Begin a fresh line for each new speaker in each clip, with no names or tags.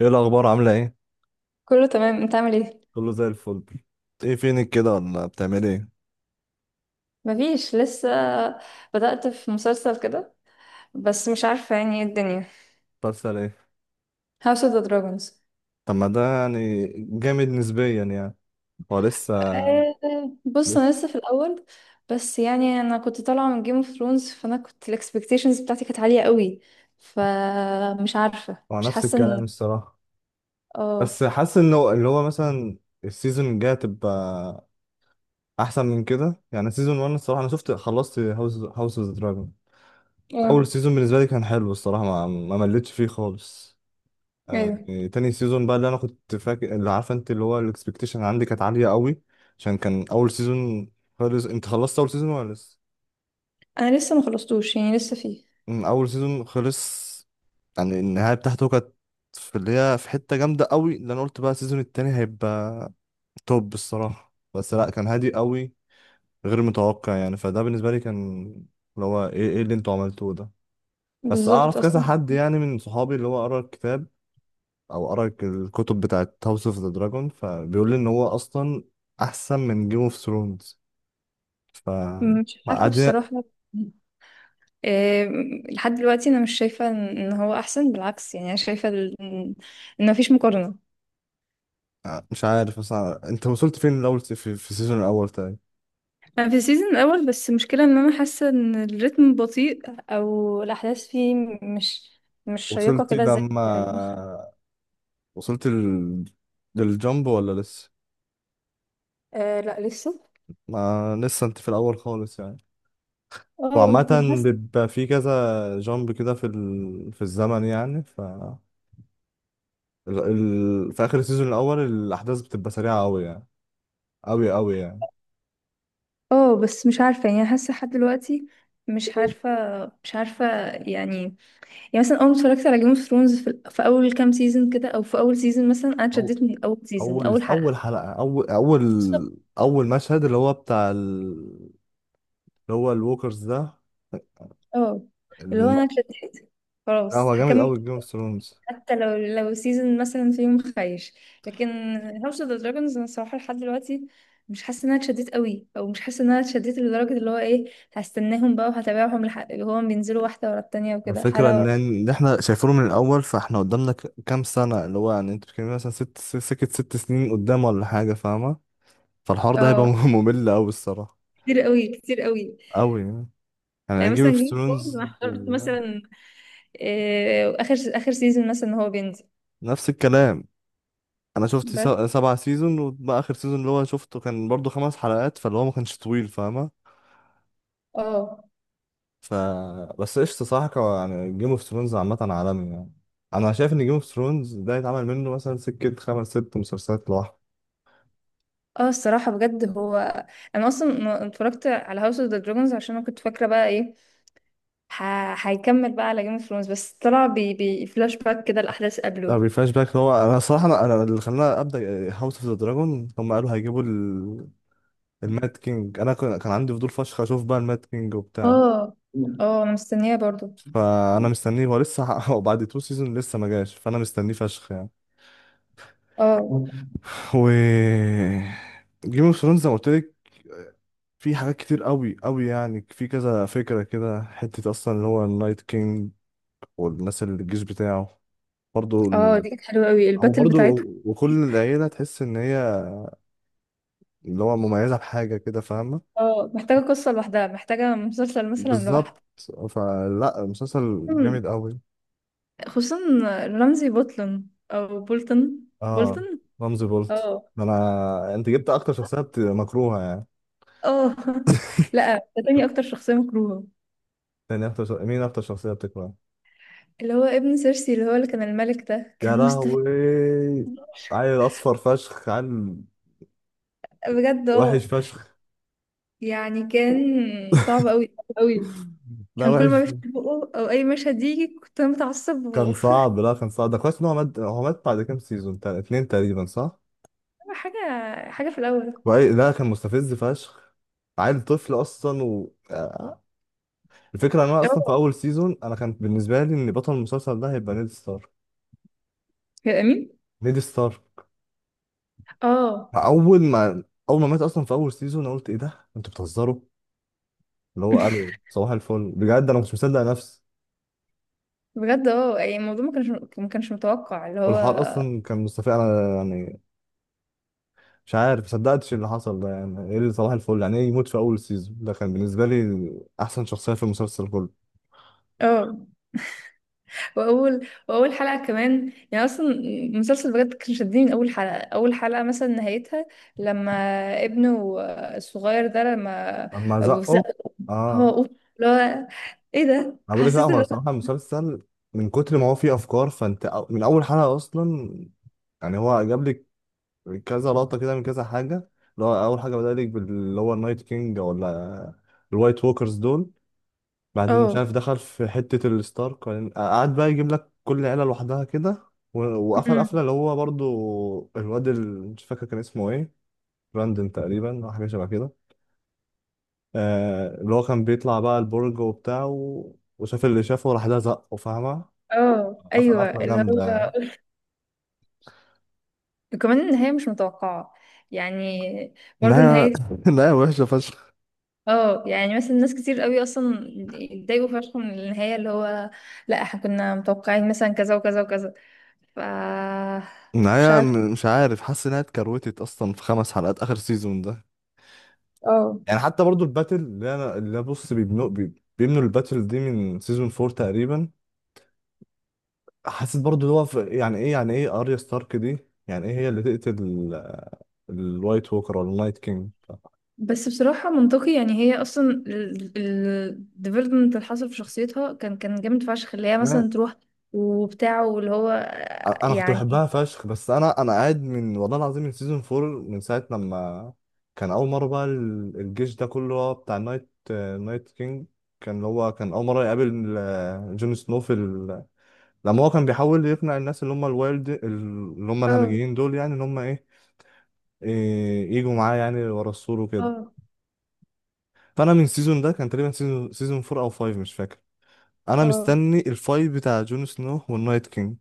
ايه الاخبار، عامله ايه؟
كله تمام، انت عامل ايه؟
كله زي الفل. ايه فينك كده ولا بتعمل ايه؟
مفيش لسه. بدأت في مسلسل كده بس مش عارفة يعني ايه الدنيا.
بتحصل ايه؟
House of the Dragons.
طب ما ده يعني جامد نسبيا يعني. هو لسه.
آه، بص
لسه
انا لسه في الاول. بس يعني انا كنت طالعة من Game of Thrones، فانا كنت الاكسبكتيشنز بتاعتي كانت عالية قوي. فمش عارفة،
هو
مش
نفس
حاسة
الكلام
ان...
الصراحه.
اه.
بس حاسس انه اللي هو مثلا السيزون الجاي هتبقى احسن من كده، يعني سيزون 1 الصراحه انا شفت خلصت هاوس اوف دراجون. اول
اه.
سيزون بالنسبه لي كان حلو الصراحه، ما مليتش فيه خالص. آه،
ايوه،
تاني سيزون بقى اللي انا كنت فاكر، اللي عارفه انت، اللي هو الاكسبكتيشن عندي كانت عاليه قوي عشان كان اول سيزون. خلص انت خلصت اول سيزون ولا لسه؟
انا لسه ما خلصتوش، يعني لسه فيه.
اول سيزون خلص، يعني النهايه بتاعته كانت في اللي هي في حته جامده قوي، اللي انا قلت بقى السيزون التاني هيبقى توب الصراحه. بس لا، كان هادي قوي، غير متوقع يعني، فده بالنسبه لي كان اللي هو ايه اللي انتوا عملتوه ده. بس
بالظبط
اعرف كذا
اصلا.
حد يعني من صحابي اللي هو قرا الكتاب او قرا الكتب بتاعت هاوس اوف ذا دراجون، فبيقول لي ان هو اصلا احسن من جيم اوف ثرونز. ف
مش عارفة
قاعدين.
بصراحة. لحد دلوقتي انا مش شايفه ان إن هو احسن. بالعكس، يعني انا شايفه ان إن مفيش مقارنه.
مش عارف اصلا انت وصلت فين الاول، في السيزون الاول تاني؟
انا في السيزون الاول، بس المشكله ان انا حاسه ان الريتم بطيء، او الاحداث فيه مش مش شيقه
وصلت
كده زي...
لما وصلت ال... للجامب ولا لسه؟
آه لا لسه.
ما لسه انت في الاول خالص يعني.
اه بس
وعامة
حاسه.
بيبقى في كذا جامب كده في الزمن يعني. في اخر السيزون الاول الاحداث بتبقى سريعة قوي يعني، قوي قوي يعني.
اه بس مش عارفه، يعني حاسه لحد دلوقتي. مش عارفه مش عارفه. يعني. يعني مثلا اول ما اتفرجت على جيم اوف ثرونز في اول كام سيزون كده، او في اول سيزون مثلا، انا اتشددت من اول سيزون من
اول
اول حلقه.
اول حلقه، اول اول مشهد اللي هو بتاع اللي هو الووكرز ده،
اه. اللي هو
الم...
انا اتشتت.
لا،
خلاص
هو جامد
هكمل.
قوي جيم اوف ثرونز.
حتى لو سيزون مثلا في يوم خايش، لكن هاوس اوف ذا دراجونز انا الصراحه لحد دلوقتي مش حاسه ان انا اتشدت قوي، او مش حاسه ان انا اتشدت لدرجه اللي هو ايه، هستناهم بقى وهتابعهم لحق هو بينزلوا واحده ورا التانية وكده
الفكره
حلقه
ان ان احنا شايفينه من الاول، فاحنا قدامنا كام سنه، اللي هو يعني انت بتتكلمي مثلا سكه 6 سنين قدام ولا حاجه فاهمه. فالحوار ده هيبقى
اه.
ممل قوي الصراحه،
كتير قوي، كتير قوي.
قوي يعني
يعني
يعني جيم
مثلا
اوف
جيم اوف ثرونز
ثرونز.
انا حضرت مثلا، آه، اخر اخر سيزون مثلا هو بينزل.
نفس الكلام، انا شفت
بس.
7 سيزون، وبقى اخر سيزون اللي هو شفته كان برضو 5 حلقات، فاللي هو ما كانش طويل فاهمه.
اه.
ف بس قشطة. صح يعني جيم اوف ثرونز عامة عالمي يعني. أنا شايف إن جيم اوف ثرونز ده يتعمل منه مثلا سكة خمس ست مسلسلات لوحده.
اه الصراحة بجد هو. انا اصلا ما اتفرجت على هاوس اوف ذا دراجونز عشان انا كنت فاكرة بقى ايه، هيكمل بقى على جيم اوف ثرونز، بس طلع فلاش باك كده الاحداث قبله.
لا، ريفلاش باك. هو أنا صراحة أنا اللي خلاني أبدأ هاوس أوف ذا دراجون، هم قالوا هيجيبوا المات كينج. أنا كان عندي فضول فشخ أشوف بقى المات كينج وبتاع.
اه. اه انا مستنية برضو.
فأنا مستنيه، هو لسه وبعد تو سيزون لسه ما جاش، فأنا مستنيه فشخ يعني.
اه.
و جيم اوف ثرونز زي ما قلت لك، في حاجات كتير قوي قوي يعني، في كذا فكرة كده، حتة أصلا اللي هو النايت كينج والناس اللي الجيش بتاعه، برضو
اه
ال...
دي كانت حلوة قوي
أو
الباتل
برضو،
بتاعتهم.
وكل العيلة تحس إن هي اللي هو مميزة بحاجة كده فاهمة.
اه محتاجة قصة لوحدها، محتاجة مسلسل مثلا
بالظبط،
لوحده.
فلا مسلسل
مم،
جامد قوي.
خصوصا رمزي بولتون او بولتون.
اه،
بولتون.
رمزي بولت.
اه.
ده انا، انت جبت اكتر شخصيه مكروهه يعني.
اه. لا، ده تاني اكتر شخصية مكروهة.
مين اكتر شخصيه بتكرهها؟
اللي هو ابن سيرسي، اللي هو اللي كان الملك، ده
يا
كان مستفز
لهوي، عيل اصفر فشخ، عيل
بجد.
وحش
اه.
فشخ.
يعني كان صعب قوي، صعب قوي.
لا،
كان كل ما
وحش.
بيفتح بقه او اي مشهد يجي كنت انا متعصب و...
كان صعب، لا، كان صعب، ده كويس ان هو مات. هو مات بعد كام سيزون اتنين تقريبا، صح؟
حاجه، حاجه في الاول.
لا، كان مستفز فشخ، عيل طفل اصلا و... آه. الفكره ان انا
اه
اصلا في اول سيزون انا كان بالنسبه لي ان بطل المسلسل ده هيبقى نيد ستار.
كان امين.
نيد ستار
اه.
اول ما اول ما مات اصلا في اول سيزون، انا قلت ايه ده انتوا بتهزروا، اللي هو قالوا صباح الفل، بجد انا مش مصدق نفسي.
بجد اه، يعني الموضوع ما كانش متوقع اللي
والحوار
هو.
اصلا كان مستفز انا يعني، مش عارف مصدقتش اللي حصل ده، يعني ايه اللي صباح الفل، يعني ايه يموت في اول سيزون، ده كان بالنسبه لي احسن شخصيه في المسلسل كله.
اه، واول حلقه كمان، يعني اصلا المسلسل بجد كان شدني من اول حلقه. اول حلقه مثلا نهايتها، لما ابنه الصغير ده، لما
لما
ابو،
زقه.
هو
اه،
أوف، لا، ايه ده،
انا بقول لك، لا،
حسيت
هو
ان...
الصراحه المسلسل من كتر ما هو فيه افكار، فانت من اول حلقه اصلا يعني هو جاب لك كذا لقطه كده من كذا حاجه، اللي هو اول حاجه بدأ لك باللي هو النايت كينج ولا الوايت ووكرز دول، بعدين مش
اه.
عارف دخل في حته الستارك، وبعدين قعد بقى يجيب لك كل عيله لوحدها كده. وقفل
أمم.
قفله اللي هو برضو الواد مش فاكر كان اسمه ايه، براندن تقريبا او حاجه شبه كده. اللي هو كان بيطلع بقى البرج وبتاع وشاف اللي شافه، وراح ده زقه فاهمة.
اه
قفل
ايوه
قفلة
اللي
جامدة
هو.
يعني.
وكمان النهايه مش متوقعه، يعني برضو
النهاية
نهايه.
النهاية وحشة فشخ.
اه، يعني مثلا ناس كتير قوي اصلا اتضايقوا فشخ من النهايه، اللي هو لا احنا كنا متوقعين مثلا كذا وكذا وكذا، ف... مش
النهاية
عارفه.
مش عارف، حاسس إنها اتكروتت أصلا في 5 حلقات آخر سيزون ده.
اه
يعني حتى برضو الباتل اللي أنا بص بيبنوا بيبنوا الباتل دي من سيزون فور تقريبا. حسيت برضو اللي هو يعني إيه يعني إيه أريا ستارك دي؟ يعني إيه هي اللي تقتل الوايت ووكر ولا النايت كينج؟
بس بصراحه منطقي، يعني هي اصلا الديفلوبمنت اللي حصل في شخصيتها كان جامد فشخ، اللي هي مثلا تروح وبتاعه واللي هو،
انا كنت
يعني.
بحبها فشخ، بس انا قاعد من والله العظيم من سيزون 4، من ساعه لما كان اول مره بقى الجيش ده كله هو بتاع نايت كينج، كان اللي هو كان اول مره يقابل جون سنو في لما هو كان بيحاول يقنع الناس اللي هم الوايلد، اللي هم
اه.
الهمجيين دول يعني، اللي هم ايه، يجوا معاه يعني ورا السور وكده.
اه.
فانا من السيزون ده كان تقريبا سيزون 4 او 5 مش فاكر. انا
اه.
مستني الفايت بتاع جون سنو والنايت كينج.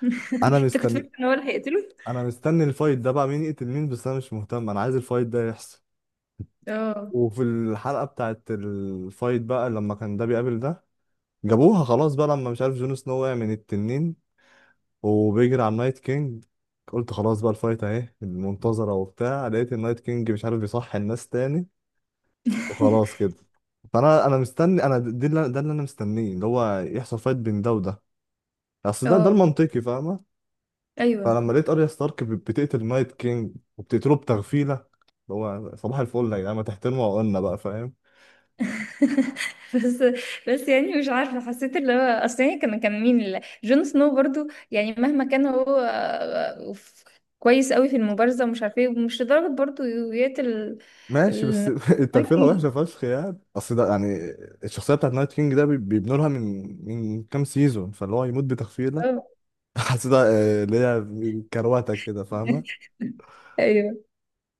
انا
انت كنت
مستني
فاكر ان هو اللي هيقتله؟
انا مستني الفايت ده بقى مين يقتل مين، بس انا مش مهتم، انا عايز الفايت ده يحصل.
اه.
وفي الحلقة بتاعت الفايت بقى لما كان ده بيقابل ده، جابوها خلاص بقى، لما مش عارف جون سنو وقع من التنين وبيجري على النايت كينج، قلت خلاص بقى الفايت اهي المنتظرة وبتاع، لقيت النايت كينج مش عارف بيصحي الناس تاني، وخلاص كده. فانا مستني، انا دي اللي ده اللي انا مستنيه اللي هو يحصل فايت بين ده وده، اصل ده
اه
المنطقي فاهمة.
ايوه.
فلما لقيت اريا ستارك بتقتل نايت كينج، وبتقتله بتغفيله، اللي هو صباح الفل يا جدعان، ما تحترموا عقولنا بقى فاهم.
بس بس يعني مش عارفه، حسيت اللي هو اصل يعني كان مين اللي... جون سنو برضو، يعني مهما كان هو، آه، ف- كويس قوي في المبارزه ومش عارفه ايه، ومش لدرجه برضو يقتل.
ماشي، بس
ال...
التغفيله
اوكي.
وحشه فشخ يعني، اصل ده يعني الشخصيه بتاعت نايت كينج ده بيبنوا لها من كام سيزون، فاللي هو يموت بتغفيله،
اه.
حسيتها اللي هي كروته كده فاهمه.
ايوه.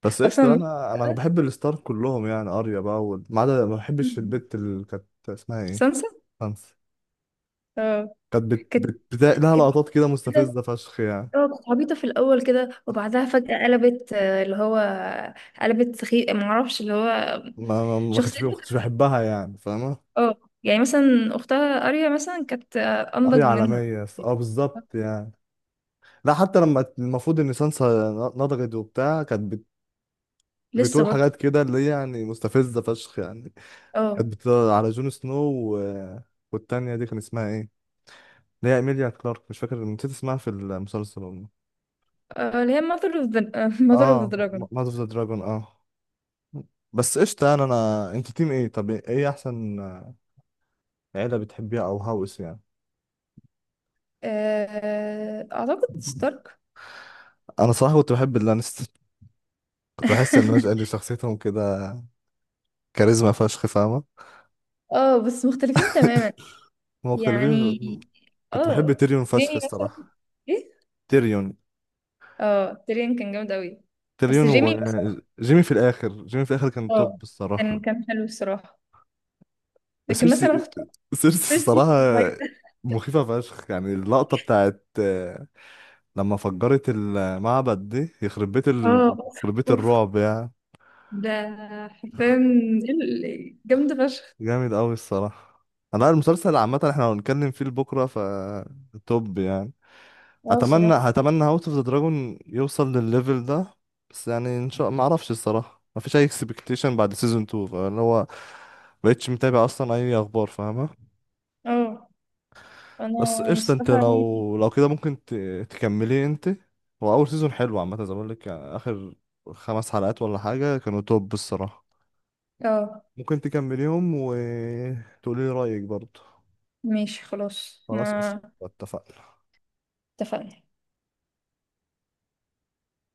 بس قشطه،
اصلا.
انا بحب الستار كلهم، يعني اريا بقى ما عدا، ما بحبش
مم.
البت اللي كانت اسمها ايه.
سانسا.
خمسة.
اه.
كانت
كانت
لها
كانت
لقطات كده مستفزه فشخ يعني،
اه كنت عبيطة في الأول كده، وبعدها فجأة قلبت، آه، اللي هو قلبت سخي، معرفش اللي هو
ما
شخصيته
كنتش
كده.
بحبها يعني فاهمة.
اه يعني مثلا أختها أريا مثلا كانت، آه،
قرية
أنضج منها.
عالمية، اه بالظبط يعني. لا، حتى لما المفروض ان سانسا نضجت وبتاع كانت
لسه
بتقول
برضه.
حاجات كده اللي هي يعني مستفزة فشخ يعني،
اه.
كانت على جون سنو و... والتانية دي كان اسمها ايه؟ اللي هي ايميليا كلارك، مش فاكر، نسيت اسمها في المسلسل والله.
آه، اللي هي mother of the mother of the
اه،
dragon.
ماذر اوف ذا دراجون اه. بس قشطة يعني انا، انت تيم ايه؟ طب ايه احسن عيلة بتحبيها او هاوس يعني؟
آه، أعتقد ستارك.
انا صراحة كنت بحب اللانستر، كنت بحس ان هو قال شخصيتهم كده كاريزما فشخ فاهمة.
اه بس مختلفين تماما.
هما مختلفين
يعني.
كنت بحب
اه
تيريون فشخ
جيمي مثلا.
الصراحة.
ايه.
تيريون
اه تيريون كان جامد أوي. بس
تيريون.
جيمي مثلا.
وجيمي في الآخر، كان
اه
توب
كان
الصراحة.
كان حلو الصراحة، لكن
سيرسي
مثلا اختار
سيرسي
سيرسي.
الصراحة. مخيفة فشخ يعني، اللقطة بتاعت لما فجرت المعبد دي، يخرب بيت
اه اوف.
يخرب بيت
اوف
الرعب يعني.
ده حرفيا ال- جامدة فشخ.
جامد أوي الصراحة. أنا المسلسل عامة احنا هنتكلم فيه بكرة. توب يعني.
اه الصراحة.
هتمنى هاوس اوف ذا دراجون يوصل للليفل ده. بس يعني ان شاء، ما اعرفش الصراحه، ما فيش اي اكسبكتيشن بعد سيزون 2 فاللي هو بقتش متابع اصلا اي اخبار فاهمه.
اه انا
بس قشطه، انت
الصراحة يعني.
لو كده ممكن تكملي انت. هو اول سيزون حلو عامه زي ما بقول لك يعني، اخر 5 حلقات ولا حاجه كانوا توب الصراحه.
اه
ممكن تكمليهم وتقولي لي رايك برضه.
ماشي خلاص،
خلاص قشطه،
ما
اتفقنا.
اتفقنا.